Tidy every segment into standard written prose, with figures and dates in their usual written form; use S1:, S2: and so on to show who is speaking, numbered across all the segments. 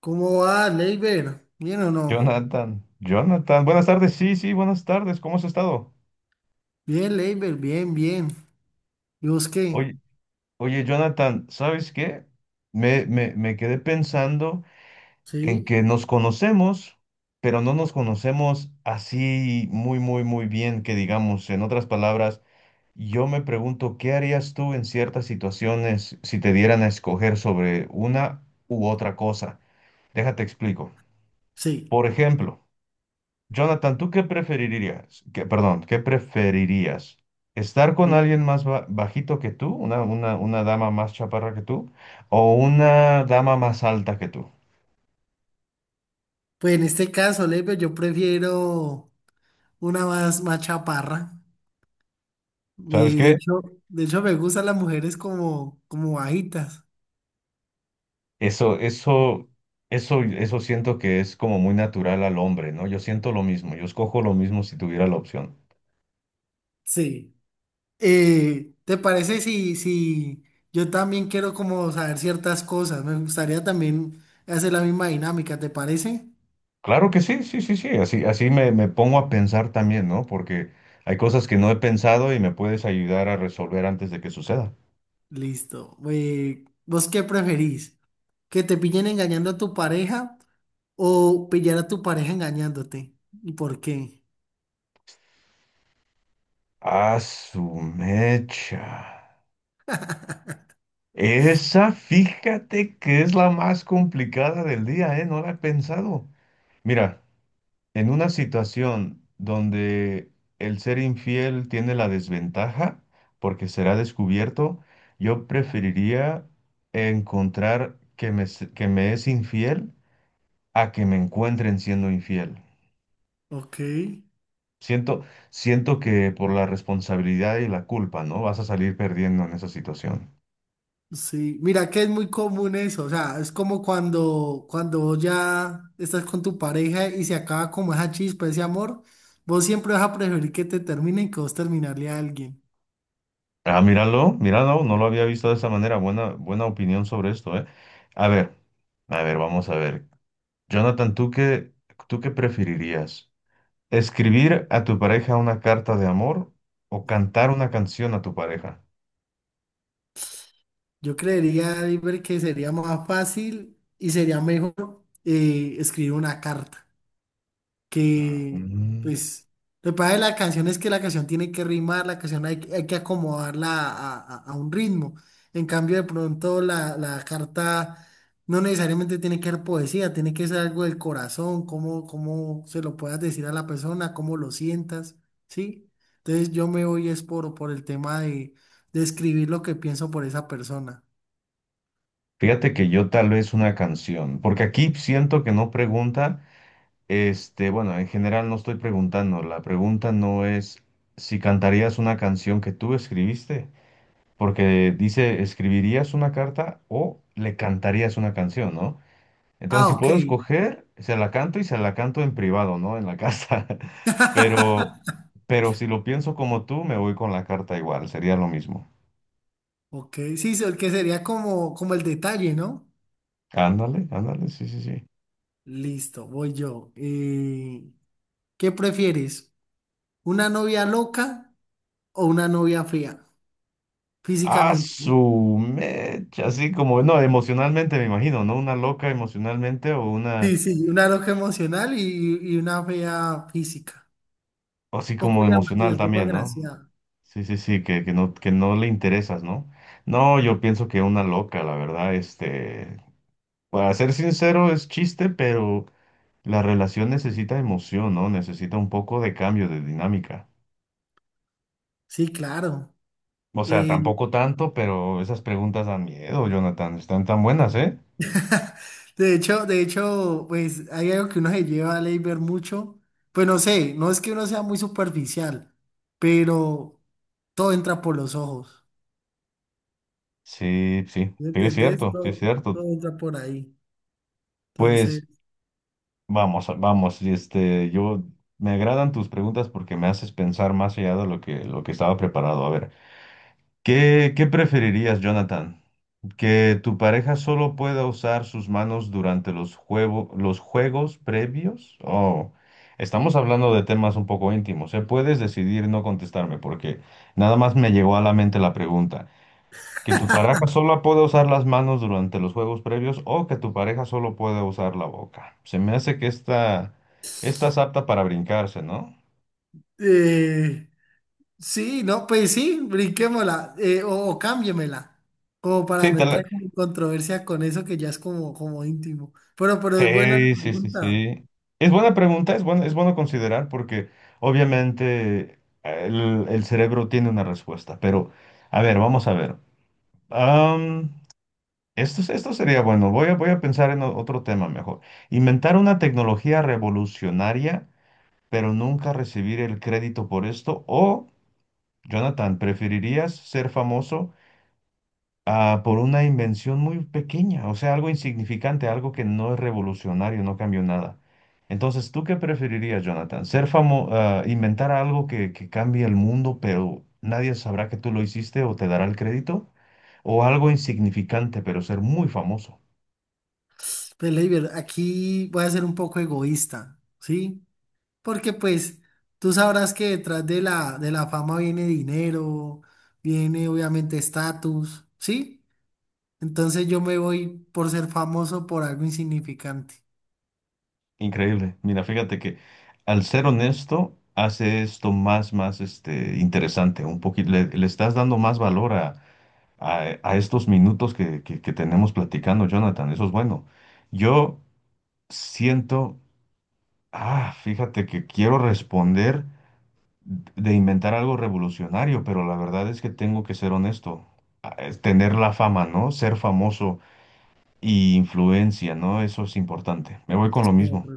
S1: ¿Cómo va, Leiber? ¿Bien o no?
S2: Jonathan, Jonathan, buenas tardes, sí, sí, buenas tardes, ¿cómo has estado?
S1: Bien, Leiber, bien, bien. ¿Y vos qué?
S2: Oye, oye, Jonathan, ¿sabes qué? Me quedé pensando en
S1: ¿Sí?
S2: que nos conocemos, pero no nos conocemos así muy, muy, muy bien, que digamos. En otras palabras, yo me pregunto, ¿qué harías tú en ciertas situaciones si te dieran a escoger sobre una u otra cosa? Déjate explico.
S1: Sí.
S2: Por ejemplo, Jonathan, ¿tú qué preferirías? Que, perdón, ¿qué preferirías? ¿Estar con
S1: Sí.
S2: alguien más bajito que tú, una dama más chaparra que tú, o una dama más alta que tú?
S1: Pues en este caso, Leiber, yo prefiero una más, más chaparra.
S2: ¿Sabes
S1: Y
S2: qué?
S1: de hecho me gustan las mujeres como, como bajitas.
S2: Eso, eso, eso siento que es como muy natural al hombre, ¿no? Yo siento lo mismo, yo escojo lo mismo si tuviera la opción.
S1: Sí. ¿Te parece si, si yo también quiero como saber ciertas cosas? Me gustaría también hacer la misma dinámica, ¿te parece?
S2: Claro que sí, sí, sí, sí, así, así me pongo a pensar también, ¿no? Porque hay cosas que no he pensado y me puedes ayudar a resolver antes de que suceda.
S1: Listo. ¿Vos qué preferís? Que te pillen engañando a tu pareja o pillar a tu pareja engañándote. ¿Y por qué?
S2: Ah, su mecha. Esa, fíjate que es la más complicada del día, ¿eh? No la he pensado. Mira, en una situación donde el ser infiel tiene la desventaja porque será descubierto, yo preferiría encontrar que que me es infiel a que me encuentren siendo infiel.
S1: Ok,
S2: Siento, Siento que por la responsabilidad y la culpa, ¿no? Vas a salir perdiendo en esa situación.
S1: sí. Mira que es muy común eso. O sea, es como cuando, cuando vos ya estás con tu pareja y se acaba como esa chispa, ese amor, vos siempre vas a preferir que te terminen que vos terminarle a alguien.
S2: Ah, míralo, míralo, no lo había visto de esa manera. Buena, buena opinión sobre esto, ¿eh? A ver, a ver, vamos a ver. Jonathan, ¿tú qué preferirías? ¿Escribir a tu pareja una carta de amor o cantar una canción a tu pareja?
S1: Yo creería, Iber, que sería más fácil y sería mejor escribir una carta. Que
S2: Mm,
S1: pues lo que pasa de la canción es que la canción tiene que rimar, la canción hay que acomodarla a, a un ritmo. En cambio, de pronto la, la carta no necesariamente tiene que ser poesía, tiene que ser algo del corazón, cómo, cómo se lo puedas decir a la persona, cómo lo sientas, ¿sí? Entonces yo me voy es por el tema de escribir lo que pienso por esa persona.
S2: Fíjate que yo tal vez una canción, porque aquí siento que no pregunta, este, bueno, en general no estoy preguntando, la pregunta no es si cantarías una canción que tú escribiste porque dice, ¿escribirías una carta o le cantarías una canción, ¿no? Entonces,
S1: Ah,
S2: si
S1: ok.
S2: puedo escoger, se la canto y se la canto en privado, ¿no? En la casa. Pero, pero si lo pienso como tú, me voy con la carta, igual sería lo mismo.
S1: Ok, sí, el que sería como, como el detalle, ¿no?
S2: Ándale, ándale, sí, sí, sí.
S1: Listo, voy yo. ¿Qué prefieres? ¿Una novia loca o una novia fea
S2: A
S1: físicamente? ¿No?
S2: su mecha, así como, no, emocionalmente me imagino, ¿no? Una loca emocionalmente o una,
S1: Sí, sí, una loca emocional y una fea física.
S2: o así
S1: Poco
S2: como emocional
S1: llamativa, poco
S2: también, ¿no?
S1: agraciada.
S2: Sí, sí, sí, que no le interesas, ¿no? No, yo pienso que una loca, la verdad, este, para ser sincero, es chiste, pero la relación necesita emoción, ¿no? Necesita un poco de cambio, de dinámica.
S1: Sí, claro.
S2: O sea,
S1: Eh,
S2: tampoco tanto, pero esas preguntas dan miedo, Jonathan, están tan buenas, ¿eh?
S1: de hecho, pues hay algo que uno se lleva a ley ver mucho. Pues no sé, no es que uno sea muy superficial, pero todo entra por los ojos.
S2: Sí, sí,
S1: ¿Me
S2: sí, es
S1: entendés?
S2: cierto, sí, es
S1: Todo,
S2: cierto.
S1: todo entra por ahí. Entonces…
S2: Pues vamos, vamos, y este, yo, me agradan tus preguntas porque me haces pensar más allá de lo que estaba preparado. A ver, ¿qué, qué preferirías, Jonathan? Que tu pareja solo pueda usar sus manos durante los los juegos previos. Oh, estamos hablando de temas un poco íntimos, ¿eh? Puedes decidir no contestarme porque nada más me llegó a la mente la pregunta. Que tu pareja solo pueda usar las manos durante los juegos previos o que tu pareja solo pueda usar la boca. Se me hace que esta es apta para brincarse, ¿no?
S1: Eh, sí, no, pues sí, brinquémosla o cámbiemela, como para
S2: Sí,
S1: no
S2: te la-
S1: entrar en controversia con eso que ya es como, como íntimo. Pero es buena la
S2: Sí, sí, sí,
S1: pregunta.
S2: sí. Es buena pregunta, es bueno considerar porque obviamente el cerebro tiene una respuesta, pero a ver, vamos a ver. Am, esto, esto sería bueno, voy a, voy a pensar en otro tema mejor. Inventar una tecnología revolucionaria, pero nunca recibir el crédito por esto. O, Jonathan, ¿preferirías ser famoso? Ah, por una invención muy pequeña, o sea, algo insignificante, algo que no es revolucionario, no cambió nada. Entonces, ¿tú qué preferirías, Jonathan? ¿Ser famoso, inventar algo que cambie el mundo, pero nadie sabrá que tú lo hiciste o te dará el crédito? ¿O algo insignificante, pero ser muy famoso?
S1: Pues, Leiber, aquí voy a ser un poco egoísta, ¿sí? Porque pues tú sabrás que detrás de la fama viene dinero, viene obviamente estatus, ¿sí? Entonces yo me voy por ser famoso por algo insignificante.
S2: Increíble. Mira, fíjate que al ser honesto, hace esto más, más, este, interesante, un poquito, le le estás dando más valor a estos minutos que, que tenemos platicando, Jonathan. Eso es bueno. Yo siento, ah, fíjate que quiero responder de inventar algo revolucionario, pero la verdad es que tengo que ser honesto. Ah, es tener la fama, ¿no? Ser famoso y influencia, ¿no? Eso es importante. Me voy con lo mismo.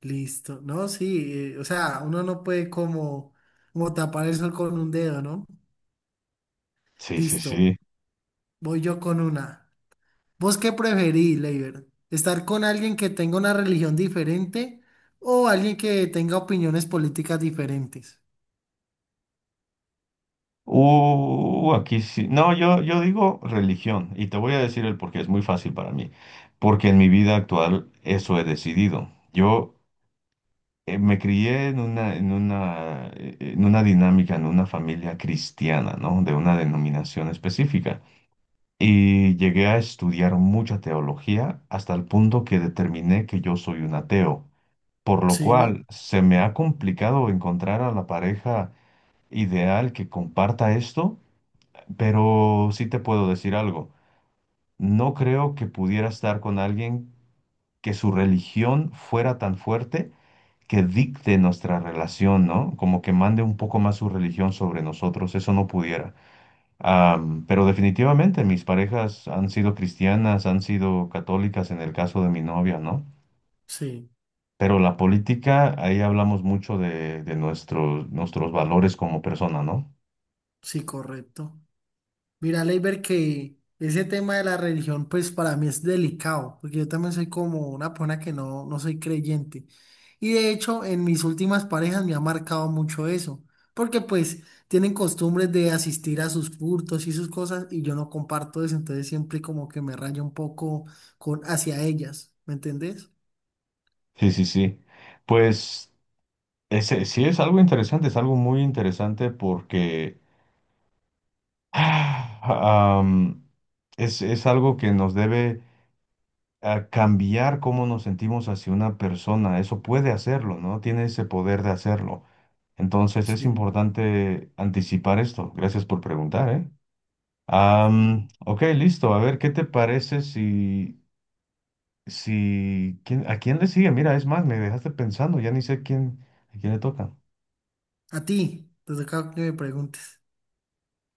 S1: Listo. No, sí, o sea, uno no puede como, como tapar el sol con un dedo, ¿no?
S2: Sí, sí,
S1: Listo,
S2: sí.
S1: voy yo con una. ¿Vos qué preferís, Leiber? ¿Estar con alguien que tenga una religión diferente o alguien que tenga opiniones políticas diferentes?
S2: Aquí sí. No, yo digo religión y te voy a decir el porqué. Es muy fácil para mí, porque en mi vida actual eso he decidido. Yo me crié en una, en una, en una dinámica, en una familia cristiana, ¿no? De una denominación específica. Y llegué a estudiar mucha teología hasta el punto que determiné que yo soy un ateo, por lo
S1: Sí,
S2: cual se me ha complicado encontrar a la pareja ideal que comparta esto, pero sí te puedo decir algo. No creo que pudiera estar con alguien que su religión fuera tan fuerte que dicte nuestra relación, ¿no? Como que mande un poco más su religión sobre nosotros, eso no pudiera. Pero definitivamente mis parejas han sido cristianas, han sido católicas en el caso de mi novia, ¿no?
S1: sí,
S2: Pero la política, ahí hablamos mucho de nuestros, nuestros valores como persona, ¿no?
S1: sí, correcto. Mira, Leiber, que ese tema de la religión, pues para mí es delicado, porque yo también soy como una persona que no, no soy creyente. Y de hecho, en mis últimas parejas me ha marcado mucho eso, porque pues tienen costumbres de asistir a sus cultos y sus cosas, y yo no comparto eso, entonces siempre como que me rayo un poco con, hacia ellas, ¿me entendés?
S2: Sí, sí, sí. Pues ese, sí es algo interesante, es algo muy interesante porque ah, am, es algo que nos debe a cambiar cómo nos sentimos hacia una persona. Eso puede hacerlo, ¿no? Tiene ese poder de hacerlo. Entonces es
S1: Sí, claro.
S2: importante anticipar esto. Gracias por preguntar, ¿eh?
S1: Sí.
S2: Ok, listo. A ver, ¿qué te parece si, si, ¿quién- a quién le sigue? Mira, es más, me dejaste pensando, ya ni sé quién, a quién le toca.
S1: A ti, te toca que me preguntes.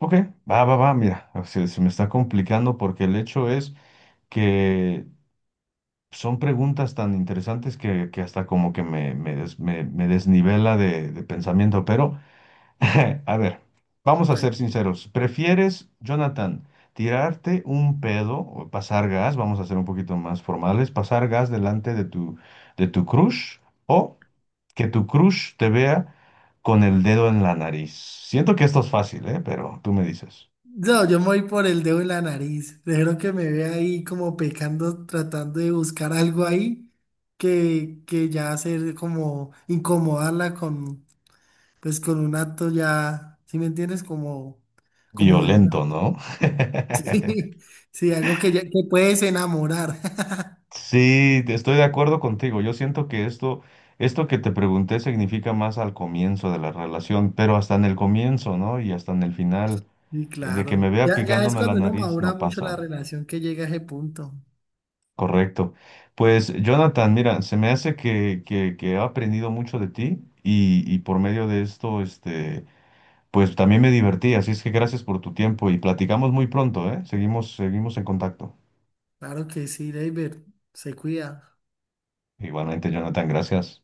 S2: Ok, va, va, va, mira, se me está complicando porque el hecho es que son preguntas tan interesantes que hasta como que me desnivela de pensamiento, pero a ver, vamos a ser
S1: Tranquilo.
S2: sinceros. ¿Prefieres, Jonathan, tirarte un pedo o pasar gas? Vamos a ser un poquito más formales, pasar gas delante de tu crush o que tu crush te vea con el dedo en la nariz. Siento que esto es fácil, ¿eh? Pero tú me dices.
S1: No, yo me voy por el dedo en la nariz. Dejaron que me vea ahí como pecando, tratando de buscar algo ahí que ya hacer como incomodarla con, pues con un acto ya, ¿sí me entiendes? Como, como de
S2: Violento,
S1: un-
S2: ¿no?
S1: Sí, sí, algo que ya que puedes enamorar.
S2: Estoy de acuerdo contigo. Yo siento que esto que te pregunté significa más al comienzo de la relación, pero hasta en el comienzo, ¿no? Y hasta en el final,
S1: Sí,
S2: de que
S1: claro.
S2: me vea
S1: Ya, ya es
S2: picándome la
S1: cuando uno
S2: nariz,
S1: madura
S2: no
S1: mucho la
S2: pasa.
S1: relación que llega a ese punto.
S2: Correcto. Pues, Jonathan, mira, se me hace que he aprendido mucho de ti y por medio de esto, este, pues también me divertí. Así es que gracias por tu tiempo y platicamos muy pronto, ¿eh? Seguimos, seguimos en contacto.
S1: Claro que sí, David, se cuida.
S2: Igualmente, Jonathan, gracias.